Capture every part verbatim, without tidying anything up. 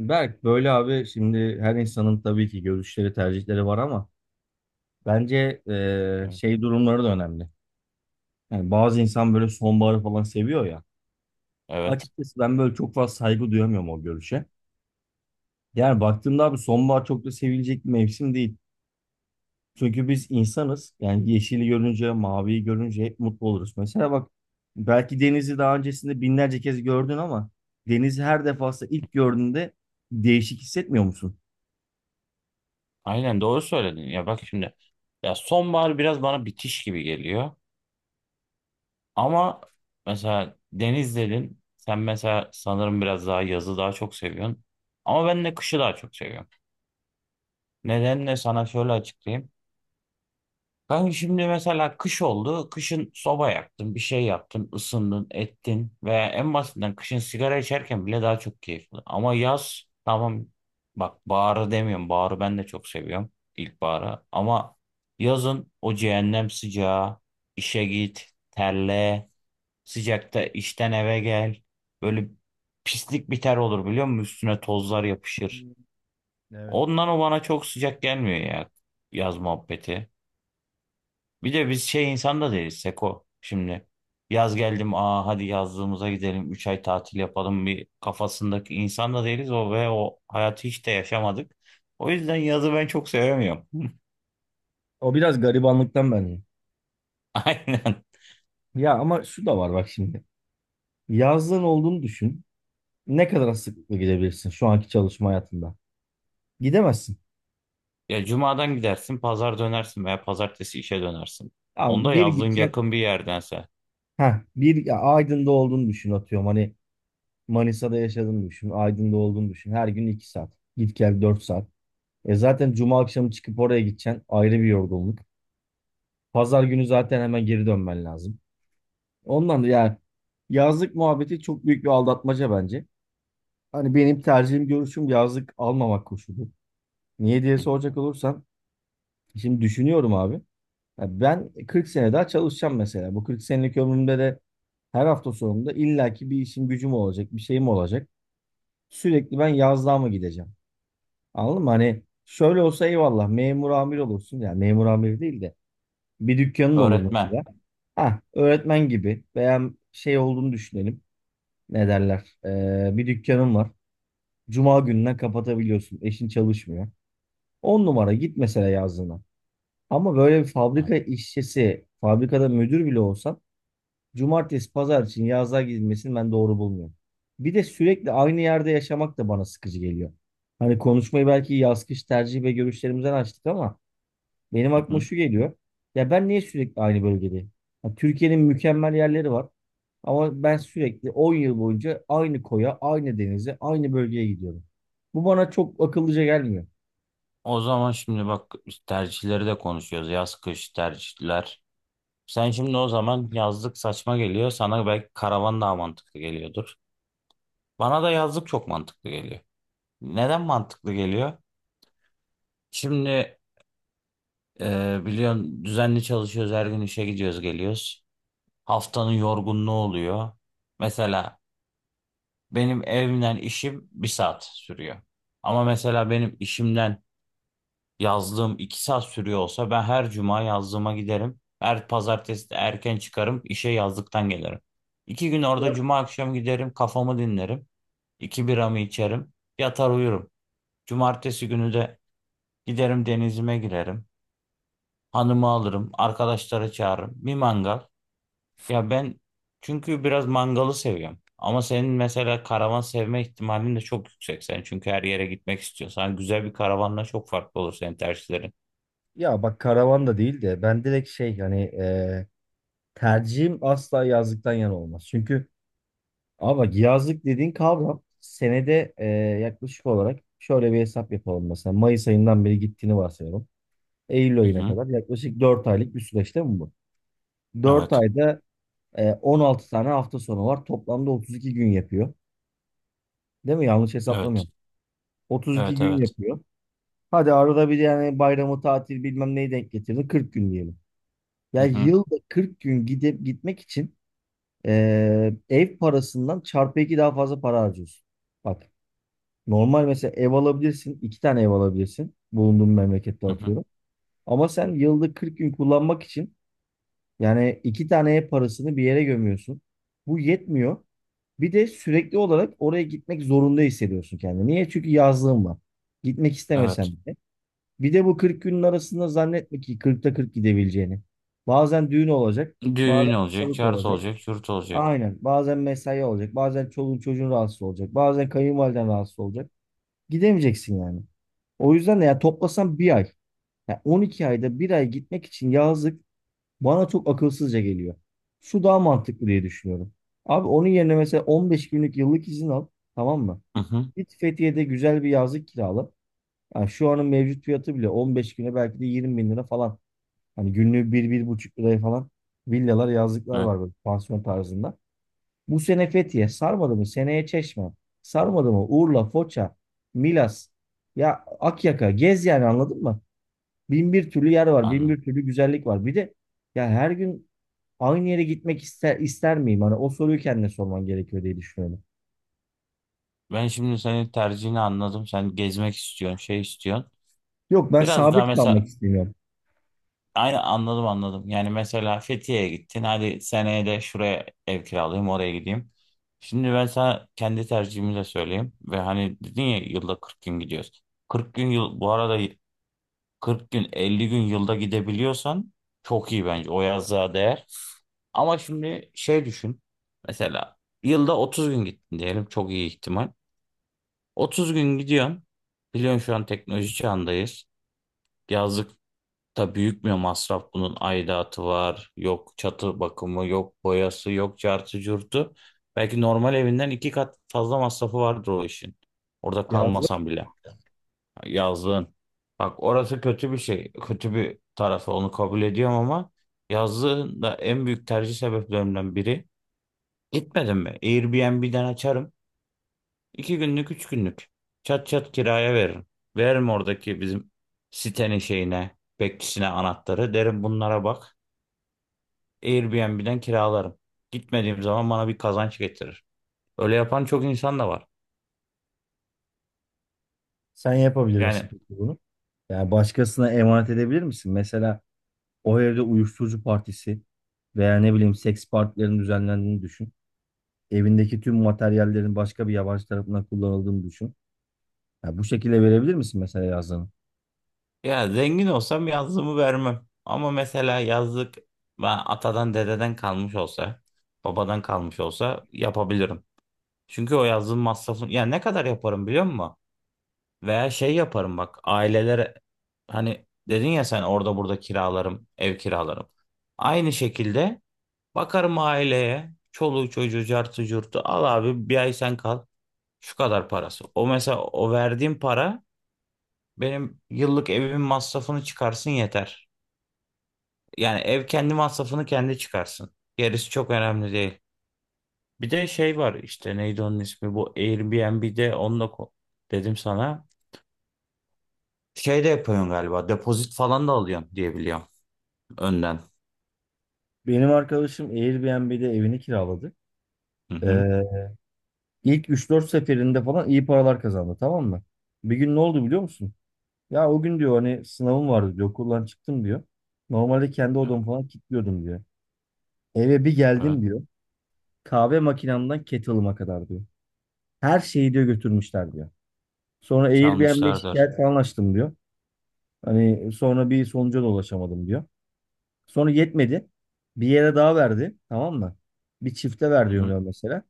Berk böyle abi şimdi her insanın tabii ki görüşleri tercihleri var ama bence eee, Hı, şey durumları da önemli. Yani bazı insan böyle sonbaharı falan seviyor ya. evet. Açıkçası ben böyle çok fazla saygı duyamıyorum o görüşe. Yani baktığımda abi sonbahar çok da sevilecek bir mevsim değil. Çünkü biz insanız. Yani yeşili görünce, maviyi görünce hep mutlu oluruz. Mesela bak, belki denizi daha öncesinde binlerce kez gördün ama denizi her defasında ilk gördüğünde değişik hissetmiyor musun? Aynen doğru söyledin. Ya bak şimdi. Ya sonbahar biraz bana bitiş gibi geliyor. Ama mesela deniz dedin. Sen mesela sanırım biraz daha yazı daha çok seviyorsun. Ama ben de kışı daha çok seviyorum. Nedenle sana şöyle açıklayayım. Kanka şimdi mesela kış oldu. Kışın soba yaktın, bir şey yaptın, ısındın, ettin. Veya en basitinden kışın sigara içerken bile daha çok keyifli. Ama yaz tamam, bak baharı demiyorum. Baharı ben de çok seviyorum. İlkbaharı. Ama yazın o cehennem sıcağı, işe git, terle, sıcakta işten eve gel. Böyle pislik bir ter olur biliyor musun? Üstüne tozlar yapışır. Hmm, evet. Ondan o bana çok sıcak gelmiyor ya, yaz muhabbeti. Bir de biz şey insan da değiliz Seko. Şimdi yaz geldim aa hadi yazlığımıza gidelim üç ay tatil yapalım bir kafasındaki insan da değiliz o ve o hayatı hiç de yaşamadık. O yüzden yazı ben çok sevemiyorum. O biraz garibanlıktan bence. Aynen. Ya ama şu da var, bak şimdi. Yazlığın olduğunu düşün. Ne kadar sıklıkla gidebilirsin şu anki çalışma hayatında? Gidemezsin. Ya cumadan gidersin pazar dönersin veya pazartesi işe dönersin. Tamam, Onda bir yazlığın gitsen, yakın bir yerdense. ha bir, ya Aydın'da olduğunu düşün, atıyorum. Hani Manisa'da yaşadığını düşün. Aydın'da olduğunu düşün. Her gün iki saat. Git gel dört saat. E zaten cuma akşamı çıkıp oraya gideceksin. Ayrı bir yorgunluk. Pazar günü zaten hemen geri dönmen lazım. Ondan da yani yazlık muhabbeti çok büyük bir aldatmaca bence. Hani benim tercihim görüşüm yazlık almamak koşulu. Niye diye Hı. soracak olursan şimdi düşünüyorum abi. Ya ben kırk sene daha çalışacağım mesela. Bu kırk senelik ömrümde de her hafta sonunda illaki bir işim gücüm olacak, bir şeyim olacak. Sürekli ben yazlığa mı gideceğim? Anladın mı? Hani şöyle olsa eyvallah memur amir olursun. Yani memur amir değil de bir dükkanın olur Öğretmen. mesela. Ha, öğretmen gibi veya şey olduğunu düşünelim. Ne derler? Ee, bir dükkanın var. Cuma gününden kapatabiliyorsun. Eşin çalışmıyor. On numara git mesela yazlığına. Ama böyle bir Ha, fabrika işçisi, fabrikada müdür bile olsan cumartesi, pazar için yazlığa gidilmesini ben doğru bulmuyorum. Bir de sürekli aynı yerde yaşamak da bana sıkıcı geliyor. Hani konuşmayı belki yaz kış tercih ve görüşlerimizden açtık ama benim hı aklıma hı. şu geliyor. Ya ben niye sürekli aynı bölgedeyim? Ya Türkiye'nin mükemmel yerleri var ama ben sürekli on yıl boyunca aynı koya, aynı denize, aynı bölgeye gidiyorum. Bu bana çok akıllıca gelmiyor. O zaman şimdi bak biz tercihleri de konuşuyoruz. Yaz kış tercihler. Sen şimdi o zaman yazlık saçma geliyor. Sana belki karavan daha mantıklı geliyordur. Bana da yazlık çok mantıklı geliyor. Neden mantıklı geliyor? Şimdi e, biliyorsun düzenli çalışıyoruz. Her gün işe gidiyoruz geliyoruz. Haftanın yorgunluğu oluyor. Mesela benim evimden işim bir saat sürüyor. Ama mesela benim işimden yazdığım iki saat sürüyor olsa ben her cuma yazdığıma giderim. Her pazartesi de erken çıkarım işe yazdıktan gelirim. İki gün orada Ya, cuma akşam giderim kafamı dinlerim. İki biramı içerim yatar uyurum. Cumartesi günü de giderim denizime girerim. Hanımı alırım arkadaşları çağırırım bir mangal. Ya ben çünkü biraz mangalı seviyorum. Ama senin mesela karavan sevme ihtimalin de çok yüksek sen. Çünkü her yere gitmek istiyorsan güzel bir karavanla çok farklı olur senin tercihlerin. ya bak, karavan da değil de ben direkt şey, hani tercihim asla yazlıktan yana olmaz. Çünkü abi bak yazlık dediğin kavram senede e, yaklaşık olarak şöyle bir hesap yapalım mesela. Mayıs ayından beri gittiğini varsayalım. Eylül Hı ayına hı. kadar yaklaşık dört aylık bir süreç değil mi bu? Dört Evet. ayda e, on altı tane hafta sonu var. Toplamda otuz iki gün yapıyor. Değil mi? Yanlış Evet. hesaplamıyorum. otuz iki Evet gün evet. yapıyor. Hadi arada bir yani bayramı, tatil, bilmem neyi denk getirdin. kırk gün diyelim. Hı Ya hı. yılda kırk gün gidip gitmek için Ee, ev parasından çarpı iki daha fazla para harcıyorsun. Bak, normal mesela ev alabilirsin. İki tane ev alabilirsin. Bulunduğun memlekette Hı hı. atıyorum. Ama sen yılda kırk gün kullanmak için yani iki tane ev parasını bir yere gömüyorsun. Bu yetmiyor. Bir de sürekli olarak oraya gitmek zorunda hissediyorsun kendini. Niye? Çünkü yazlığın var. Gitmek Evet. istemesen bile. Bir de bu kırk günün arasında zannetme ki kırkta kırk gidebileceğini. Bazen düğün olacak, bazen Düğün olacak, hastalık yurt olacak. olacak, yurt olacak. Aynen. Bazen mesai olacak. Bazen çoluğun çocuğun rahatsız olacak. Bazen kayınvaliden rahatsız olacak. Gidemeyeceksin yani. O yüzden de ya toplasan bir ay. Ya on iki ayda bir ay gitmek için yazlık bana çok akılsızca geliyor. Şu daha mantıklı diye düşünüyorum. Abi onun yerine mesela on beş günlük yıllık izin al. Tamam mı? Hı hı. Git Fethiye'de güzel bir yazlık kirala. Yani şu anın mevcut fiyatı bile on beş güne belki de yirmi bin lira falan. Hani günlüğü bir buçuk liraya falan villalar, yazlıklar Evet, var böyle pansiyon tarzında. Bu sene Fethiye sarmadı mı? Seneye Çeşme. Sarmadı mı? Urla, Foça, Milas. Ya Akyaka, gez yani, anladın mı? Bin bir türlü yer var. Bin anladım. bir türlü güzellik var. Bir de ya, her gün aynı yere gitmek ister, ister miyim? Hani o soruyu kendine sorman gerekiyor diye düşünüyorum. Ben şimdi senin tercihini anladım. Sen gezmek istiyorsun, şey istiyorsun. Yok ben Biraz daha sabit kalmak mesela istemiyorum. aynı anladım anladım. Yani mesela Fethiye'ye gittin. Hadi seneye de şuraya ev kiralayayım, oraya gideyim. Şimdi ben sana kendi tercihimi de söyleyeyim. Ve hani dedin ya yılda kırk gün gidiyoruz. Kırk gün yıl bu arada, kırk gün elli gün yılda gidebiliyorsan çok iyi bence o yazlığa değer. Ama şimdi şey düşün. Mesela yılda otuz gün gittin diyelim çok iyi ihtimal. otuz gün gidiyorsun. Biliyorsun şu an teknoloji çağındayız. Yazlıkta büyük bir masraf bunun aidatı var. Yok çatı bakımı, yok boyası, yok cartı curtu. Belki normal evinden iki kat fazla masrafı vardır o işin. Orada Yazda kalmasan bile. Yazlığın. Bak orası kötü bir şey. Kötü bir tarafı onu kabul ediyorum ama yazlığın da en büyük tercih sebeplerimden biri. Gitmedim mi? Airbnb'den açarım. İki günlük, üç günlük. Çat çat kiraya veririm. Veririm oradaki bizim sitenin şeyine, bekçisine anahtarı. Derim bunlara bak. Airbnb'den kiralarım. Gitmediğim zaman bana bir kazanç getirir. Öyle yapan çok insan da var. sen yapabilir misin Yani. peki bunu? Yani başkasına emanet edebilir misin? Mesela o evde uyuşturucu partisi veya ne bileyim seks partilerinin düzenlendiğini düşün. Evindeki tüm materyallerin başka bir yabancı tarafından kullanıldığını düşün. Ya bu şekilde verebilir misin mesela yazdığını? Ya zengin olsam yazlığımı vermem. Ama mesela yazlık ben atadan dededen kalmış olsa, babadan kalmış olsa yapabilirim. Çünkü o yazlığın masrafını ya ne kadar yaparım biliyor musun? Veya şey yaparım bak ailelere, hani dedin ya sen orada burada kiralarım, ev kiralarım. Aynı şekilde bakarım aileye, çoluğu çocuğu cartı curtu al abi bir ay sen kal. Şu kadar parası. O mesela o verdiğim para benim yıllık evimin masrafını çıkarsın yeter. Yani ev kendi masrafını kendi çıkarsın. Gerisi çok önemli değil. Bir de şey var işte neydi onun ismi bu Airbnb'de onunla ko- dedim sana. Şey de yapıyorsun galiba depozit falan da alıyorsun diye biliyorum önden. Benim arkadaşım Airbnb'de evini kiraladı. Hı hı. Ee, ilk üç dört seferinde falan iyi paralar kazandı, tamam mı? Bir gün ne oldu biliyor musun? Ya o gün diyor, hani sınavım vardı diyor, okuldan çıktım diyor. Normalde kendi odamı falan kilitliyordum diyor. Eve bir Evet, geldim diyor. Kahve makinamdan kettle'ıma kadar diyor. Her şeyi diyor götürmüşler diyor. Sonra Airbnb'ye çalmışlardır. şikayet falan açtım diyor. Hani sonra bir sonuca da ulaşamadım diyor. Sonra yetmedi. Bir yere daha verdi. Tamam mı? Bir çifte ver Hı hı. diyor mesela.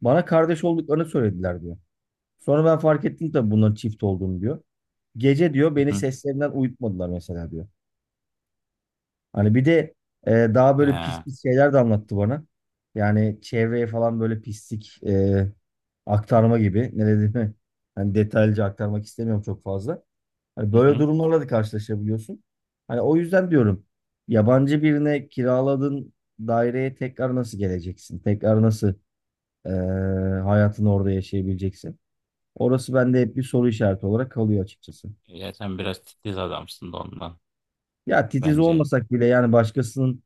Bana kardeş olduklarını söylediler diyor. Sonra ben fark ettim tabii bunların çift olduğunu diyor. Gece diyor beni Hı hı. seslerinden uyutmadılar mesela diyor. Hani bir de e, daha böyle pis Ee, pis şeyler de anlattı bana. Yani çevreye falan böyle pislik e, aktarma gibi. Ne dediğimi hani detaylıca aktarmak istemiyorum çok fazla. Hani hı böyle hı. durumlarla da karşılaşabiliyorsun. Hani o yüzden diyorum, yabancı birine kiraladığın daireye tekrar nasıl geleceksin? Tekrar nasıl e, hayatını orada yaşayabileceksin? Orası bende hep bir soru işareti olarak kalıyor açıkçası. Ya sen biraz titiz adamsın da ondan Ya titiz bence. olmasak bile yani başkasının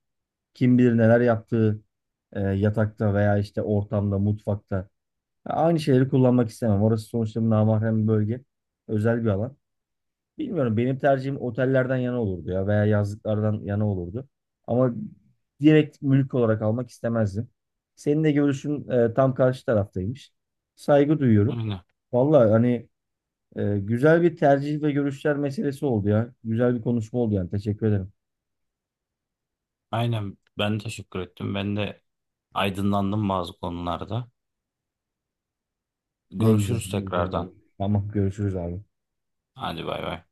kim bilir neler yaptığı e, yatakta veya işte ortamda, mutfakta. Ya aynı şeyleri kullanmak istemem. Orası sonuçta bir namahrem bir bölge. Özel bir alan. Bilmiyorum, benim tercihim otellerden yana olurdu ya veya yazlıklardan yana olurdu. Ama direkt mülk olarak almak istemezdim. Senin de görüşün e, tam karşı taraftaymış. Saygı duyuyorum. Aynen. Vallahi hani e, güzel bir tercih ve görüşler meselesi oldu ya. Güzel bir konuşma oldu yani. Teşekkür ederim. Aynen ben teşekkür ettim. Ben de aydınlandım bazı konularda. Ne güzel. Görüşürüz Ne güzel abi. tekrardan. Tamam görüşürüz abi. Hadi bay bay.